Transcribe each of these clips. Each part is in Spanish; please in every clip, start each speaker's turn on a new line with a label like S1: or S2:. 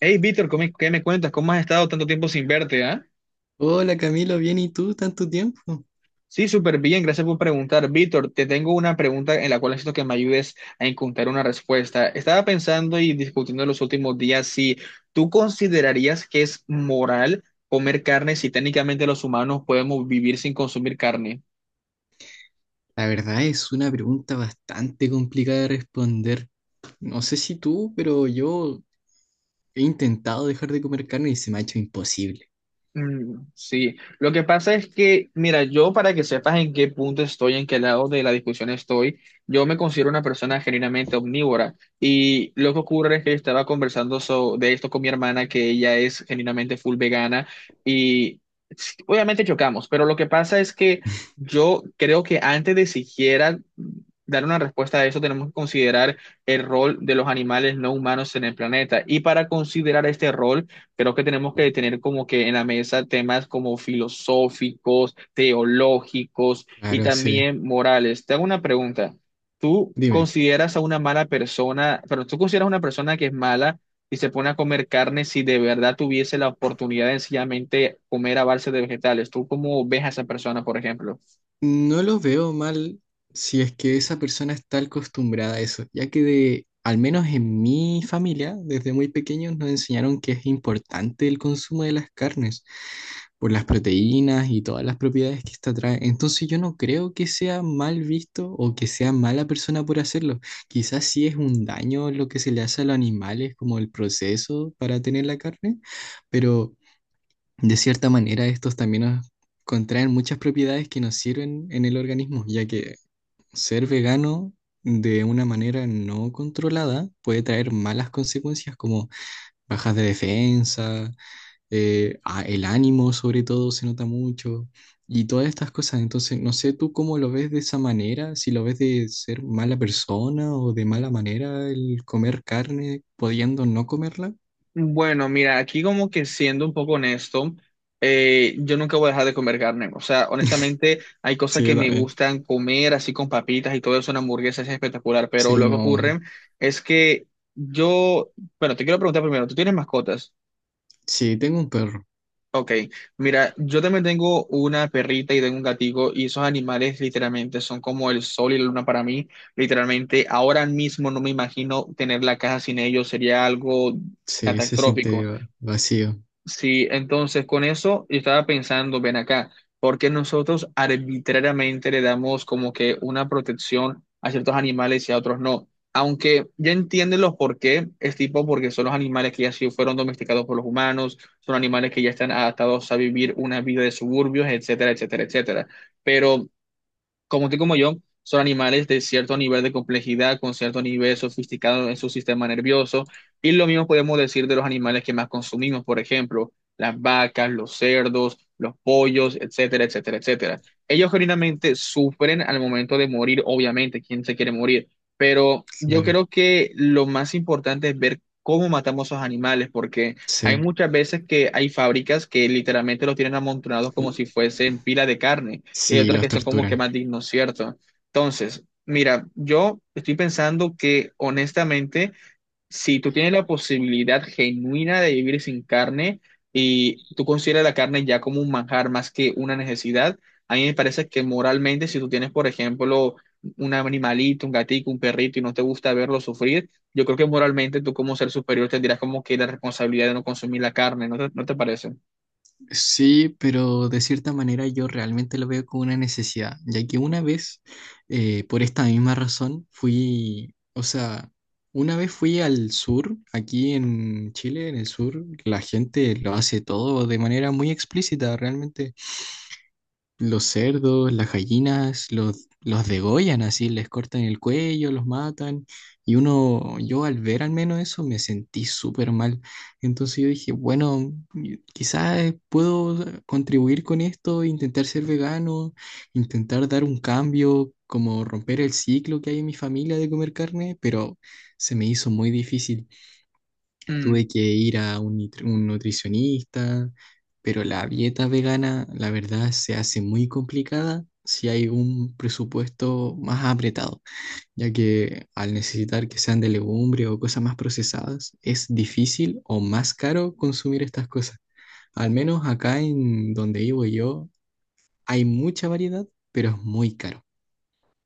S1: Hey, Víctor, ¿qué me cuentas? ¿Cómo has estado tanto tiempo sin verte, ah?
S2: Hola Camilo, bien, ¿y tú? ¿Tanto tiempo?
S1: Sí, súper bien, gracias por preguntar. Víctor, te tengo una pregunta en la cual necesito que me ayudes a encontrar una respuesta. Estaba pensando y discutiendo en los últimos días si tú considerarías que es moral comer carne si técnicamente los humanos podemos vivir sin consumir carne.
S2: La verdad es una pregunta bastante complicada de responder. No sé si tú, pero yo he intentado dejar de comer carne y se me ha hecho imposible.
S1: Mm, sí, lo que pasa es que, mira, yo para que sepas en qué punto estoy, en qué lado de la discusión estoy, yo me considero una persona genuinamente omnívora y lo que ocurre es que yo estaba conversando de esto con mi hermana, que ella es genuinamente full vegana y sí, obviamente chocamos, pero lo que pasa es que yo creo que antes de siquiera dar una respuesta a eso, tenemos que considerar el rol de los animales no humanos en el planeta y para considerar este rol creo que tenemos que tener como que en la mesa temas como filosóficos, teológicos y
S2: Claro, sí.
S1: también morales. Te hago una pregunta. ¿Tú
S2: Dime,
S1: consideras a una mala persona, pero tú consideras a una persona que es mala y se pone a comer carne si de verdad tuviese la oportunidad de sencillamente comer a base de vegetales? ¿Tú cómo ves a esa persona, por ejemplo?
S2: no lo veo mal si es que esa persona está acostumbrada a eso, ya que de, al menos en mi familia, desde muy pequeños nos enseñaron que es importante el consumo de las carnes, por las proteínas y todas las propiedades que esta trae. Entonces yo no creo que sea mal visto o que sea mala persona por hacerlo. Quizás sí es un daño lo que se le hace a los animales, como el proceso para tener la carne, pero de cierta manera estos también nos contraen muchas propiedades que nos sirven en el organismo, ya que ser vegano de una manera no controlada puede traer malas consecuencias como bajas de defensa, el ánimo sobre todo se nota mucho y todas estas cosas. Entonces, no sé tú cómo lo ves de esa manera, si lo ves de ser mala persona o de mala manera el comer carne pudiendo no comerla.
S1: Bueno, mira, aquí como que siendo un poco honesto, yo nunca voy a dejar de comer carne. O sea, honestamente, hay cosas
S2: Sí,
S1: que
S2: yo
S1: me
S2: también.
S1: gustan comer así con papitas y todo eso, una hamburguesa es espectacular, pero
S2: Sí,
S1: lo que
S2: no.
S1: ocurre es que yo, bueno, te quiero preguntar primero, ¿tú tienes mascotas?
S2: Sí, tengo un perro.
S1: Ok, mira, yo también tengo una perrita y tengo un gatito y esos animales literalmente son como el sol y la luna para mí. Literalmente, ahora mismo no me imagino tener la casa sin ellos, sería algo
S2: Sí, se siente
S1: catastrófico.
S2: vacío,
S1: Sí, entonces con eso yo estaba pensando, ven acá, ¿porque nosotros arbitrariamente le damos como que una protección a ciertos animales y a otros no? Aunque ya entienden los por qué, es tipo porque son los animales que ya sí fueron domesticados por los humanos, son animales que ya están adaptados a vivir una vida de suburbios, etcétera, etcétera, etcétera. Pero como tú y como yo, son animales de cierto nivel de complejidad, con cierto nivel sofisticado en su sistema nervioso. Y lo mismo podemos decir de los animales que más consumimos, por ejemplo, las vacas, los cerdos, los pollos, etcétera, etcétera, etcétera. Ellos genuinamente sufren al momento de morir, obviamente, ¿quién se quiere morir? Pero yo
S2: claro.
S1: creo que lo más importante es ver cómo matamos a esos animales, porque hay
S2: Sí,
S1: muchas veces que hay fábricas que literalmente los tienen amontonados como si fuesen pila de carne y hay
S2: sí,
S1: otras
S2: los
S1: que son como que
S2: torturan.
S1: más dignos, ¿cierto? Entonces, mira, yo estoy pensando que honestamente, si tú tienes la posibilidad genuina de vivir sin carne y tú consideras la carne ya como un manjar más que una necesidad, a mí me parece que moralmente, si tú tienes, por ejemplo, un animalito, un gatito, un perrito y no te gusta verlo sufrir, yo creo que moralmente tú como ser superior tendrías como que la responsabilidad de no consumir la carne, ¿no te parece?
S2: Sí, pero de cierta manera yo realmente lo veo como una necesidad, ya que una vez, por esta misma razón, fui, o sea, una vez fui al sur, aquí en Chile, en el sur, la gente lo hace todo de manera muy explícita, realmente los cerdos, las gallinas, los degollan así, les cortan el cuello, los matan. Y uno, yo al ver al menos eso me sentí súper mal. Entonces yo dije, bueno, quizás puedo contribuir con esto, intentar ser vegano, intentar dar un cambio, como romper el ciclo que hay en mi familia de comer carne, pero se me hizo muy difícil. Tuve que ir a un, un nutricionista, pero la dieta vegana, la verdad, se hace muy complicada si hay un presupuesto más apretado, ya que al necesitar que sean de legumbre o cosas más procesadas, es difícil o más caro consumir estas cosas. Al menos acá en donde vivo yo, hay mucha variedad, pero es muy caro.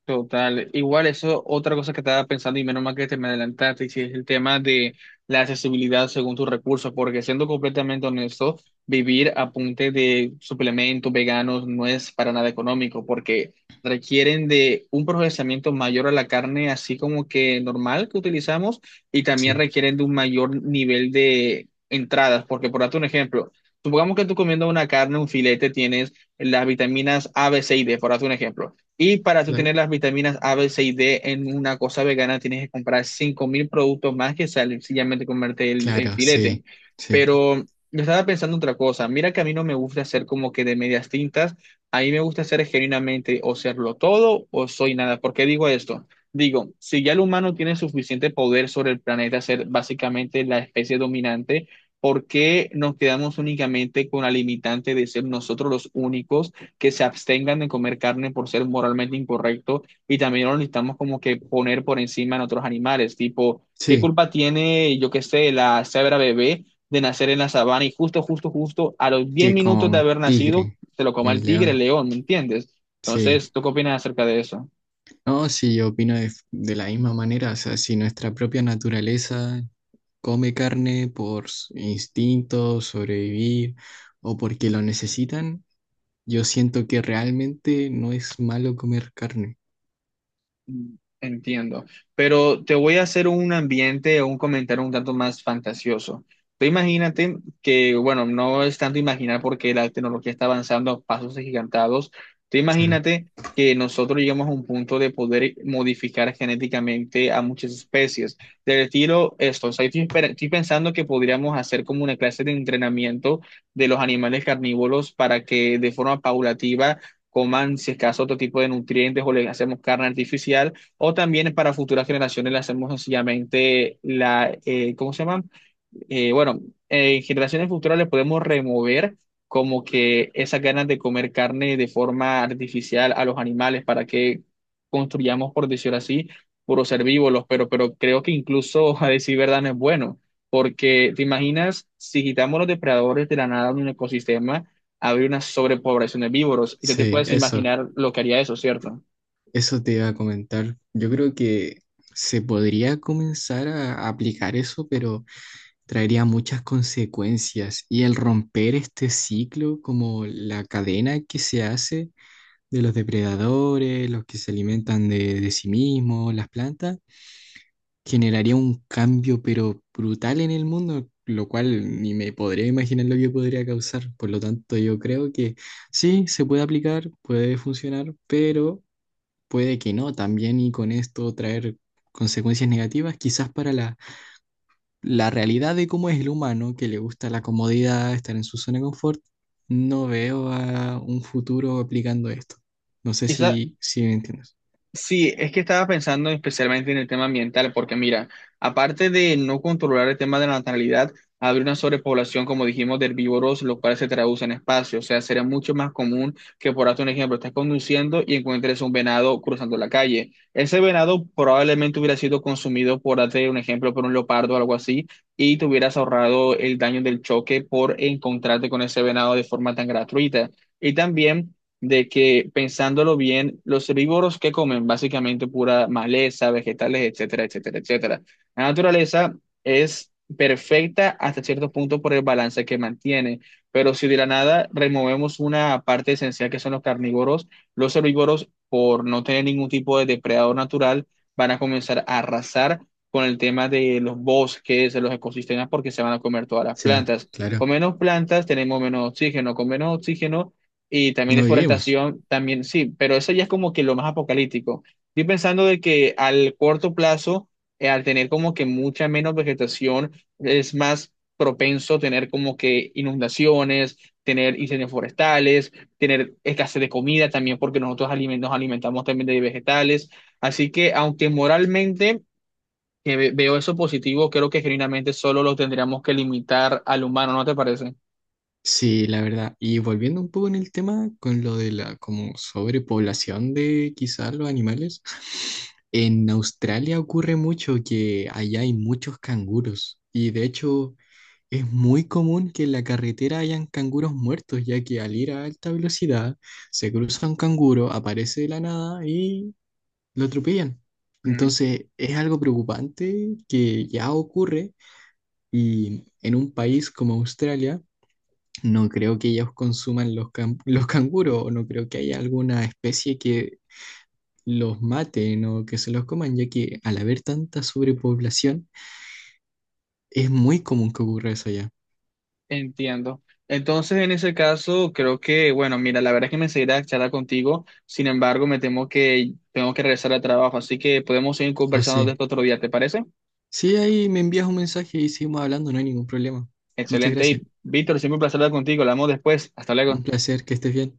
S1: Total, igual eso, otra cosa que estaba pensando y menos mal que te me adelantaste, y si es el tema de la accesibilidad según tus recursos, porque siendo completamente honesto, vivir a punta de suplementos veganos no es para nada económico, porque requieren de un procesamiento mayor a la carne, así como que normal que utilizamos, y también
S2: Sí,
S1: requieren de un mayor nivel de entradas, porque por darte un ejemplo, supongamos que tú comiendo una carne, un filete, tienes las vitaminas A, B, C y D, por darte un ejemplo. Y para tú
S2: claro.
S1: tener las vitaminas A, B, C y D en una cosa vegana, tienes que comprar 5.000 productos más que sencillamente comerte el
S2: Claro,
S1: filete.
S2: sí, sí,
S1: Pero yo estaba pensando otra cosa. Mira que a mí no me gusta hacer como que de medias tintas. A mí me gusta hacer genuinamente o serlo todo o soy nada. ¿Por qué digo esto? Digo, si ya el humano tiene suficiente poder sobre el planeta, ser básicamente la especie dominante, ¿por qué nos quedamos únicamente con la limitante de ser nosotros los únicos que se abstengan de comer carne por ser moralmente incorrecto y también lo necesitamos como que poner por encima en otros animales? Tipo, ¿qué
S2: sí,
S1: culpa tiene, yo qué sé, la cebra bebé de nacer en la sabana y justo, justo, justo a los 10
S2: que
S1: minutos de
S2: con
S1: haber nacido
S2: tigre,
S1: se lo coma
S2: un
S1: el tigre, el
S2: león,
S1: león? ¿Me entiendes?
S2: sí.
S1: Entonces, ¿tú qué opinas acerca de eso?
S2: No, sí, yo opino de la misma manera, o sea, si nuestra propia naturaleza come carne por instinto, sobrevivir o porque lo necesitan, yo siento que realmente no es malo comer carne.
S1: Mm, entiendo, pero te voy a hacer un ambiente o un comentario un tanto más fantasioso. Tú imagínate que, bueno, no es tanto imaginar porque la tecnología está avanzando a pasos agigantados. Tú
S2: Claro,
S1: imagínate que nosotros llegamos a un punto de poder modificar genéticamente a muchas especies. Del estilo esto, o sea, estoy pensando que podríamos hacer como una clase de entrenamiento de los animales carnívoros para que de forma paulativa coman, si es caso, otro tipo de nutrientes o le hacemos carne artificial, o también para futuras generaciones le hacemos sencillamente la, ¿cómo se llama? eh, bueno, en generaciones futuras le podemos remover como que esas ganas de comer carne de forma artificial a los animales para que construyamos, por decirlo así, puros herbívoros, pero, creo que incluso, a decir verdad, no es bueno, porque te imaginas si quitamos los depredadores de la nada de un ecosistema, habría una sobrepoblación de víboros, y tú te
S2: sí,
S1: puedes
S2: eso,
S1: imaginar lo que haría eso, ¿cierto?
S2: eso te iba a comentar. Yo creo que se podría comenzar a aplicar eso, pero traería muchas consecuencias y el romper este ciclo, como la cadena que se hace, de los depredadores, los que se alimentan de sí mismos, las plantas, generaría un cambio pero brutal en el mundo, lo cual ni me podría imaginar lo que podría causar. Por lo tanto, yo creo que sí, se puede aplicar, puede funcionar, pero puede que no también y con esto traer consecuencias negativas, quizás para la, la realidad de cómo es el humano, que le gusta la comodidad, estar en su zona de confort. No veo a un futuro aplicando esto. No sé
S1: Esa,
S2: si, si me entiendes.
S1: sí, es que estaba pensando especialmente en el tema ambiental, porque mira, aparte de no controlar el tema de la natalidad, habría una sobrepoblación, como dijimos, de herbívoros, los cuales se traducen en espacio. O sea, sería mucho más común que, por darte un ejemplo, estés conduciendo y encuentres un venado cruzando la calle. Ese venado probablemente hubiera sido consumido, por darte un ejemplo, por un leopardo o algo así, y te hubieras ahorrado el daño del choque por encontrarte con ese venado de forma tan gratuita. Y también de que pensándolo bien, los herbívoros que comen básicamente pura maleza, vegetales, etcétera, etcétera, etcétera. La naturaleza es perfecta hasta cierto punto por el balance que mantiene, pero si de la nada removemos una parte esencial que son los carnívoros, los herbívoros, por no tener ningún tipo de depredador natural, van a comenzar a arrasar con el tema de los bosques, de los ecosistemas, porque se van a comer todas las
S2: Sí,
S1: plantas.
S2: claro.
S1: Con menos plantas tenemos menos oxígeno, con menos oxígeno y también
S2: No vivimos.
S1: deforestación, también sí, pero eso ya es como que lo más apocalíptico. Estoy pensando de que al corto plazo, al tener como que mucha menos vegetación, es más propenso tener como que inundaciones, tener incendios forestales, tener escasez de comida también, porque nosotros nos alimentamos también de vegetales. Así que aunque moralmente veo eso positivo, creo que genuinamente solo lo tendríamos que limitar al humano, ¿no te parece?
S2: Sí, la verdad. Y volviendo un poco en el tema con lo de la como sobrepoblación de quizás los animales, en Australia ocurre mucho que allá hay muchos canguros y de hecho es muy común que en la carretera hayan canguros muertos, ya que al ir a alta velocidad se cruza un canguro, aparece de la nada y lo atropellan. Entonces es algo preocupante que ya ocurre. Y en un país como Australia, no creo que ellos consuman los, los canguros, o no creo que haya alguna especie que los maten o que se los coman, ya que al haber tanta sobrepoblación, es muy común que ocurra eso allá.
S1: Entiendo. Entonces, en ese caso, creo que, bueno, mira, la verdad es que me seguirá charlar contigo. Sin embargo, me temo que tengo que regresar al trabajo, así que podemos seguir
S2: O
S1: conversando de
S2: sí.
S1: esto otro día, ¿te parece?
S2: Sí, ahí me envías un mensaje y seguimos hablando, no hay ningún problema. Muchas
S1: Excelente. Y
S2: gracias.
S1: Víctor, siempre un placer hablar contigo. Hablamos después. Hasta
S2: Un
S1: luego.
S2: placer, que estés bien.